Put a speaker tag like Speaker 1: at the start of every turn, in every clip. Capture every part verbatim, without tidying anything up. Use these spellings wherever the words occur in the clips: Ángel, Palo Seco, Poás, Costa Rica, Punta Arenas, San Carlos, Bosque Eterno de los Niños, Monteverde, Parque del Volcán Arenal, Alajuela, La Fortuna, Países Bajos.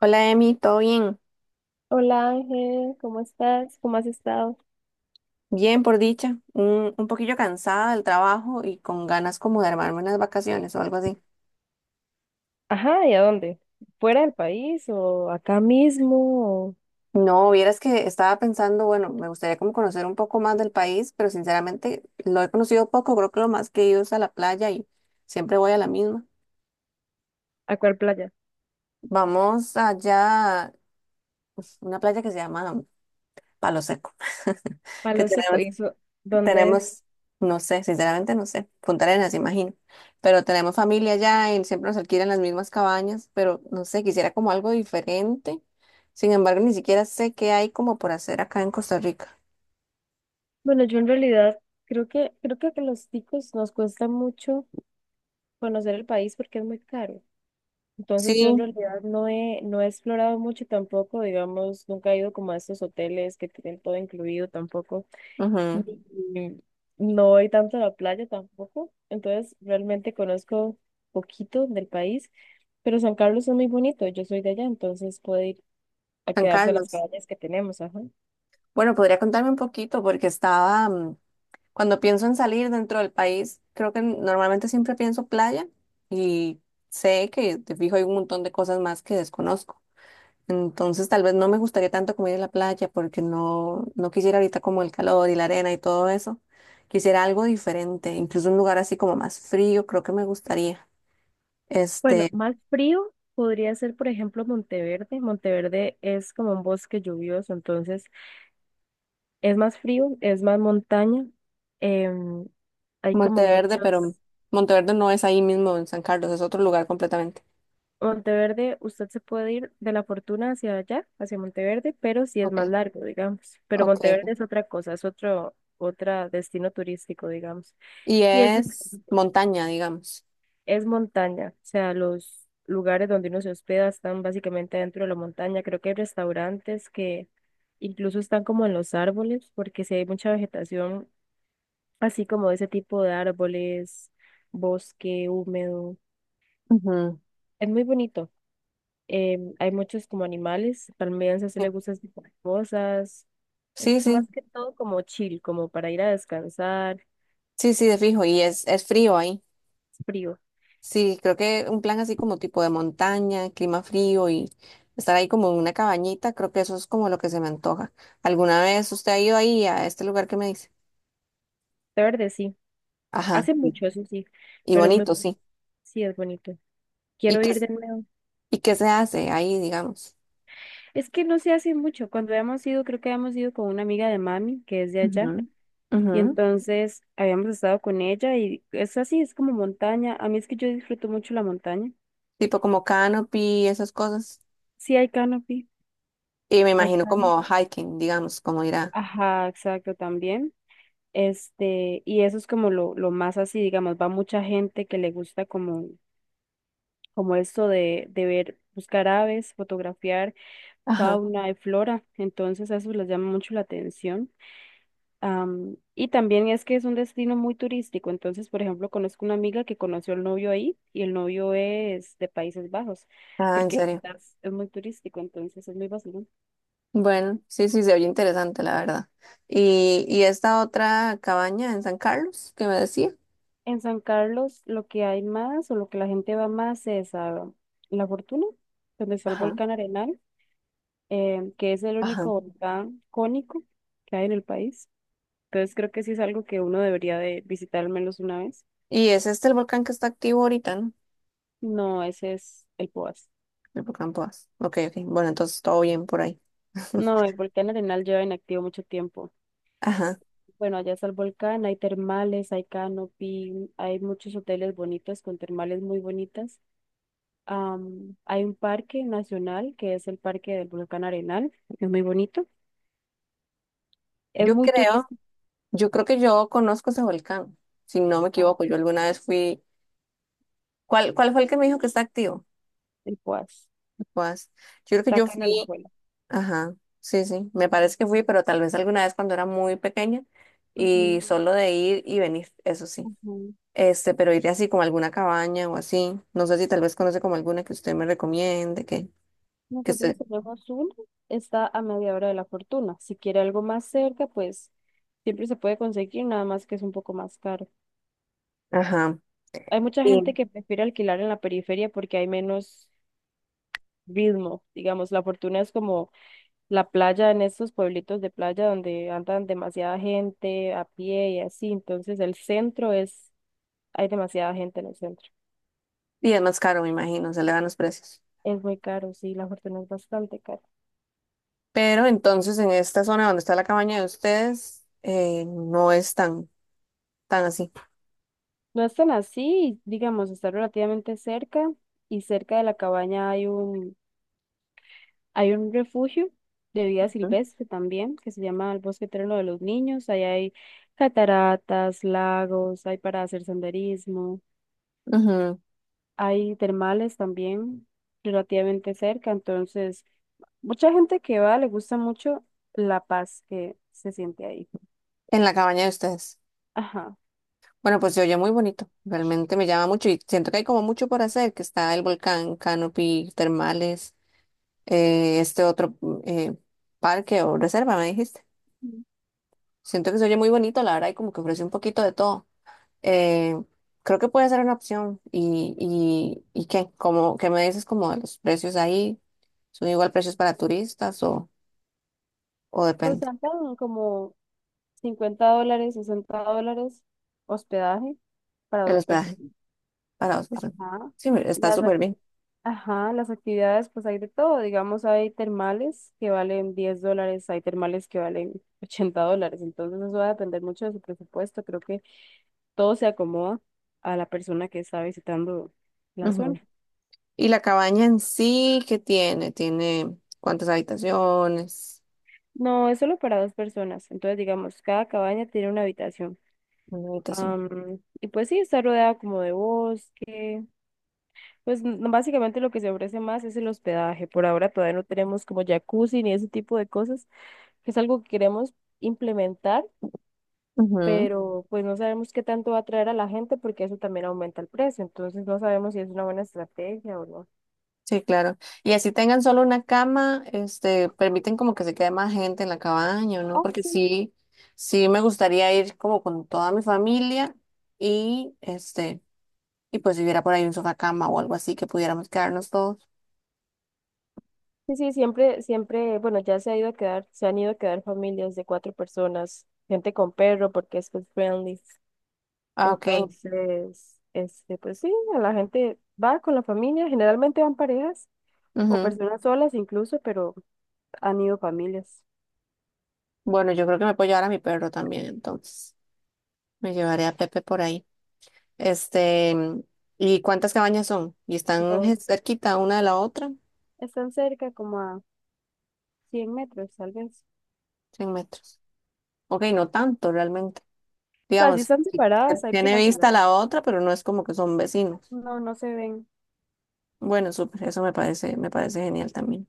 Speaker 1: Hola Emi, ¿todo bien?
Speaker 2: Hola Ángel, ¿cómo estás? ¿Cómo has estado?
Speaker 1: Bien, por dicha. Un, un poquillo cansada del trabajo y con ganas como de armarme unas vacaciones o algo así.
Speaker 2: Ajá, ¿y a dónde? ¿Fuera del país o acá mismo? O
Speaker 1: No, vieras que estaba pensando, bueno, me gustaría como conocer un poco más del país, pero sinceramente lo he conocido poco, creo que lo más que he ido es a la playa y siempre voy a la misma.
Speaker 2: ¿A cuál playa?
Speaker 1: Vamos allá, una playa que se llama Palo Seco, que
Speaker 2: Palo Seco,
Speaker 1: tenemos.
Speaker 2: ¿y eso dónde es?
Speaker 1: Tenemos, no sé, sinceramente no sé, Punta Arenas, imagino, pero tenemos familia allá y siempre nos alquilan las mismas cabañas, pero no sé, quisiera como algo diferente. Sin embargo, ni siquiera sé qué hay como por hacer acá en Costa Rica.
Speaker 2: Bueno, yo en realidad creo que creo que a los ticos nos cuesta mucho conocer el país porque es muy caro. Entonces yo en
Speaker 1: Sí,
Speaker 2: realidad no he, no he explorado mucho tampoco, digamos, nunca he ido como a estos hoteles que tienen todo incluido tampoco.
Speaker 1: ujú.
Speaker 2: Y no voy tanto a la playa tampoco, entonces realmente conozco poquito del país, pero San Carlos es muy bonito, yo soy de allá, entonces puedo ir a
Speaker 1: San
Speaker 2: quedarse a las
Speaker 1: Carlos.
Speaker 2: playas que tenemos, ajá.
Speaker 1: Bueno, podría contarme un poquito porque estaba, mm, cuando pienso en salir dentro del país, creo que normalmente siempre pienso playa y sé que de fijo hay un montón de cosas más que desconozco. Entonces, tal vez no me gustaría tanto como ir a la playa porque no, no quisiera ahorita como el calor y la arena y todo eso. Quisiera algo diferente, incluso un lugar así como más frío, creo que me gustaría.
Speaker 2: Bueno,
Speaker 1: Este,
Speaker 2: más frío podría ser, por ejemplo, Monteverde. Monteverde es como un bosque lluvioso, entonces es más frío, es más montaña, em, hay como
Speaker 1: Monteverde, pero
Speaker 2: muchos,
Speaker 1: Monteverde no es ahí mismo en San Carlos, es otro lugar completamente.
Speaker 2: Monteverde, usted se puede ir de La Fortuna hacia allá, hacia Monteverde, pero sí es más
Speaker 1: Ok,
Speaker 2: largo, digamos. Pero
Speaker 1: ok.
Speaker 2: Monteverde es otra cosa, es otro, otra destino turístico, digamos.
Speaker 1: Y
Speaker 2: Y es, dif-
Speaker 1: es montaña, digamos.
Speaker 2: es montaña, o sea, los lugares donde uno se hospeda están básicamente dentro de la montaña. Creo que hay restaurantes que incluso están como en los árboles, porque sí hay mucha vegetación, así como ese tipo de árboles, bosque húmedo. Es muy bonito. Em, hay muchos como animales, también se le
Speaker 1: Ujú.
Speaker 2: gusta ese tipo de cosas.
Speaker 1: Sí, sí,
Speaker 2: Es más
Speaker 1: sí,
Speaker 2: que todo como chill, como para ir a descansar.
Speaker 1: sí, sí, de fijo. Y es, es frío ahí.
Speaker 2: Es frío.
Speaker 1: Sí, creo que un plan así como tipo de montaña, clima frío y estar ahí como en una cabañita, creo que eso es como lo que se me antoja. ¿Alguna vez usted ha ido ahí a este lugar que me dice?
Speaker 2: De verde sí.
Speaker 1: Ajá,
Speaker 2: Hace
Speaker 1: sí.
Speaker 2: mucho, eso sí,
Speaker 1: Y
Speaker 2: pero es muy,
Speaker 1: bonito, sí.
Speaker 2: sí es bonito.
Speaker 1: ¿Y
Speaker 2: Quiero
Speaker 1: qué,
Speaker 2: ir de nuevo.
Speaker 1: y qué se hace ahí, digamos?
Speaker 2: Es que no se hace mucho. Cuando habíamos ido, creo que habíamos ido con una amiga de mami, que es de allá.
Speaker 1: Ujú. Ujú.
Speaker 2: Y entonces habíamos estado con ella y es así, es como montaña. A mí es que yo disfruto mucho la montaña.
Speaker 1: Tipo como canopy, esas cosas.
Speaker 2: Sí hay canopy,
Speaker 1: Y me
Speaker 2: hay
Speaker 1: imagino como
Speaker 2: canopy.
Speaker 1: hiking, digamos, como ir a...
Speaker 2: Ajá, exacto, también. Este, y eso es como lo, lo más así, digamos, va mucha gente que le gusta como, como esto de, de ver, buscar aves, fotografiar
Speaker 1: Ajá.
Speaker 2: fauna y flora, entonces eso les llama mucho la atención. Am, y también es que es un destino muy turístico, entonces, por ejemplo, conozco una amiga que conoció al novio ahí y el novio es de Países Bajos,
Speaker 1: Ah, ¿en
Speaker 2: porque
Speaker 1: serio?
Speaker 2: quizás es muy turístico, entonces es muy vacilón.
Speaker 1: Bueno, sí, sí, se oye interesante, la verdad. ¿Y, y esta otra cabaña en San Carlos que me decía?
Speaker 2: En San Carlos lo que hay más o lo que la gente va más es a La Fortuna, donde está el
Speaker 1: Ajá,
Speaker 2: volcán Arenal, eh, que es el
Speaker 1: ajá.
Speaker 2: único volcán cónico que hay en el país. Entonces creo que sí es algo que uno debería de visitar al menos una vez.
Speaker 1: ¿Y es este el volcán que está activo ahorita, no?
Speaker 2: No, ese es el Poás.
Speaker 1: El volcán Poás. Ok, ok. Bueno, entonces todo bien por ahí.
Speaker 2: No, el volcán Arenal lleva inactivo mucho tiempo.
Speaker 1: Ajá.
Speaker 2: Bueno, allá está el volcán, hay termales, hay canopy, hay muchos hoteles bonitos con termales muy bonitas. Am, hay un parque nacional que es el Parque del Volcán Arenal, es muy bonito, es
Speaker 1: Yo
Speaker 2: muy
Speaker 1: creo,
Speaker 2: turístico,
Speaker 1: yo creo que yo conozco ese volcán, si no me equivoco. Yo alguna vez fui. ¿Cuál, cuál fue el que me dijo que está activo?
Speaker 2: el Poás,
Speaker 1: El Poás yo creo que
Speaker 2: está
Speaker 1: yo
Speaker 2: acá en
Speaker 1: fui.
Speaker 2: Alajuela.
Speaker 1: Ajá. Sí, sí. Me parece que fui, pero tal vez alguna vez cuando era muy pequeña y
Speaker 2: Ujú,
Speaker 1: solo de ir y venir, eso sí.
Speaker 2: ujú.
Speaker 1: Este, pero ir así como a alguna cabaña o así. No sé si tal vez conoce como alguna que usted me recomiende, que, que usted.
Speaker 2: Nosotros tenemos uno, está a media hora de la fortuna. Si quiere algo más cerca, pues siempre se puede conseguir, nada más que es un poco más caro.
Speaker 1: Ajá.
Speaker 2: Hay mucha gente
Speaker 1: Sí.
Speaker 2: que prefiere alquilar en la periferia porque hay menos ritmo, digamos, la fortuna es como la playa en estos pueblitos de playa donde andan demasiada gente a pie y así. Entonces el centro es, hay demasiada gente en el centro.
Speaker 1: Y es más caro, me imagino, se le dan los precios.
Speaker 2: Es muy caro, sí, la fortuna es bastante cara.
Speaker 1: Pero entonces en esta zona donde está la cabaña de ustedes, eh, no es tan, tan así.
Speaker 2: No es tan así, digamos, está relativamente cerca y cerca de la cabaña hay un, hay un refugio de vida
Speaker 1: Ujú.
Speaker 2: silvestre también que se llama el Bosque Eterno de los Niños. Ahí hay cataratas, lagos, hay para hacer senderismo,
Speaker 1: Ujú.
Speaker 2: hay termales también relativamente cerca, entonces mucha gente que va le gusta mucho la paz que se siente ahí.
Speaker 1: En la cabaña de ustedes.
Speaker 2: Ajá.
Speaker 1: Bueno, pues se oye muy bonito. Realmente me llama mucho y siento que hay como mucho por hacer, que está el volcán, canopy, termales, eh, este otro mm, eh, parque o reserva, me dijiste.
Speaker 2: Mm.
Speaker 1: Siento que se oye muy bonito, la verdad, y como que ofrece un poquito de todo. Eh, creo que puede ser una opción. ¿Y, y, y qué? Como, ¿qué me dices como de los precios ahí? ¿Son igual precios para turistas o, o
Speaker 2: Pues
Speaker 1: depende?
Speaker 2: sacan como cincuenta dólares, sesenta dólares hospedaje para
Speaker 1: El
Speaker 2: dos
Speaker 1: hospedaje
Speaker 2: personas.
Speaker 1: para dos personas.
Speaker 2: Ajá.
Speaker 1: Sí, mira, está
Speaker 2: Las, ac-
Speaker 1: súper bien.
Speaker 2: ajá, las actividades, pues hay de todo. Digamos, hay termales que valen diez dólares, hay termales que valen ochenta dólares. Entonces eso va a depender mucho de su presupuesto. Creo que todo se acomoda a la persona que está visitando la zona.
Speaker 1: Ujú. ¿Y la cabaña en sí qué tiene? ¿Tiene cuántas habitaciones?
Speaker 2: No, es solo para dos personas. Entonces, digamos, cada cabaña tiene una habitación.
Speaker 1: Una habitación.
Speaker 2: Am, y pues sí, está rodeada como de bosque. Pues n- básicamente lo que se ofrece más es el hospedaje. Por ahora todavía no tenemos como jacuzzi ni ese tipo de cosas, que es algo que queremos implementar, pero pues no sabemos qué tanto va a atraer a la gente porque eso también aumenta el precio. Entonces no sabemos si es una buena estrategia o no.
Speaker 1: Sí, claro. Y así tengan solo una cama, este, permiten como que se quede más gente en la cabaña, ¿no?
Speaker 2: Ah,
Speaker 1: Porque
Speaker 2: sí.
Speaker 1: sí, sí me gustaría ir como con toda mi familia y este, y pues si hubiera por ahí un sofá cama o algo así que pudiéramos quedarnos todos.
Speaker 2: Sí, sí, siempre, siempre, bueno, ya se ha ido a quedar, se han ido a quedar familias de cuatro personas, gente con perro porque es pet friendly.
Speaker 1: Ah, ok.
Speaker 2: Entonces, este, pues sí, a la gente va con la familia, generalmente van parejas o
Speaker 1: Ujú.
Speaker 2: personas solas incluso, pero han ido familias.
Speaker 1: Bueno, yo creo que me puedo llevar a mi perro también, entonces. Me llevaré a Pepe por ahí. Este, ¿y cuántas cabañas son? ¿Y están
Speaker 2: No,
Speaker 1: je- cerquita una de la otra?
Speaker 2: están cerca como a cien metros, tal vez.
Speaker 1: Cien metros. Ok, no tanto realmente.
Speaker 2: O sea, si
Speaker 1: Digamos,
Speaker 2: están
Speaker 1: que
Speaker 2: separadas, hay
Speaker 1: tiene vista
Speaker 2: privacidad.
Speaker 1: la otra, pero no es como que son vecinos.
Speaker 2: No, no se ven.
Speaker 1: Bueno, súper, eso me parece, me parece genial también.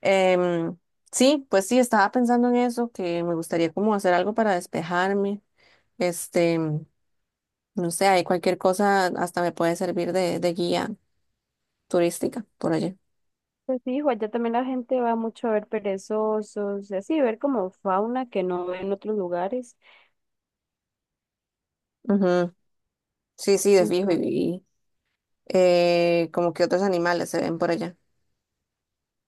Speaker 1: Em, sí, pues sí, estaba pensando en eso, que me gustaría como hacer algo para despejarme. Este, no sé, hay cualquier cosa, hasta me puede servir de, de guía turística por allá.
Speaker 2: Pues sí, hijo, allá también la gente va mucho a ver perezosos, y así, ver como fauna que no ve en otros lugares.
Speaker 1: Ujú. Sí, sí, de fijo, y,
Speaker 2: Montón.
Speaker 1: y, eh, como que otros animales se ven por allá.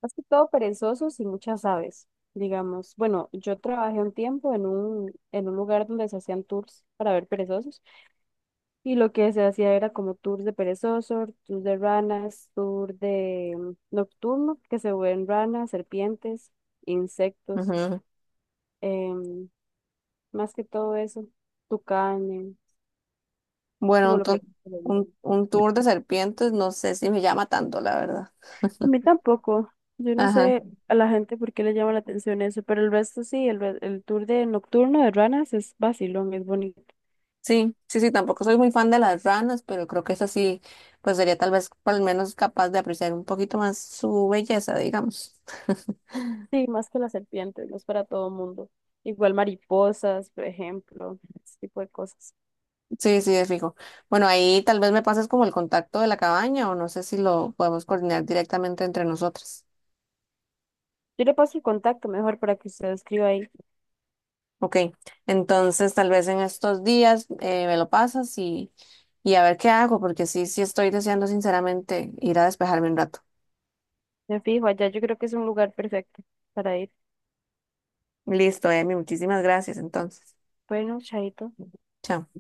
Speaker 2: Más que todo perezosos y muchas aves, digamos. Bueno, yo trabajé un tiempo en un, en un lugar donde se hacían tours para ver perezosos y lo que se hacía era como tours de perezosos, tours de ranas, tour de mm, nocturno, que se ven ranas, serpientes, insectos,
Speaker 1: Ujú.
Speaker 2: em, más que todo eso, tucanes,
Speaker 1: Bueno,
Speaker 2: como
Speaker 1: un,
Speaker 2: lo
Speaker 1: tu-
Speaker 2: que...
Speaker 1: un, un tour de serpientes, no sé si me llama tanto, la verdad.
Speaker 2: A mí tampoco. Yo no
Speaker 1: Ajá.
Speaker 2: sé a la gente por qué le llama la atención eso, pero el resto sí, el, re- el tour de nocturno de ranas es vacilón, es bonito.
Speaker 1: Sí, sí, sí, tampoco soy muy fan de las ranas, pero creo que esa sí, pues sería tal vez por lo menos capaz de apreciar un poquito más su belleza, digamos.
Speaker 2: Sí, más que las serpientes, no es para todo mundo. Igual mariposas, por ejemplo, ese tipo de cosas.
Speaker 1: Sí, sí, es fijo. Bueno, ahí tal vez me pases como el contacto de la cabaña o no sé si lo podemos coordinar directamente entre nosotras.
Speaker 2: Yo le paso el contacto mejor para que usted escriba ahí.
Speaker 1: Ok, entonces tal vez en estos días eh, me lo pasas y, y a ver qué hago, porque sí, sí estoy deseando sinceramente ir a despejarme un rato.
Speaker 2: Me fijo, allá yo creo que es un lugar perfecto para ir.
Speaker 1: Listo, Emi, muchísimas gracias entonces.
Speaker 2: Bueno, chaito.
Speaker 1: Chao.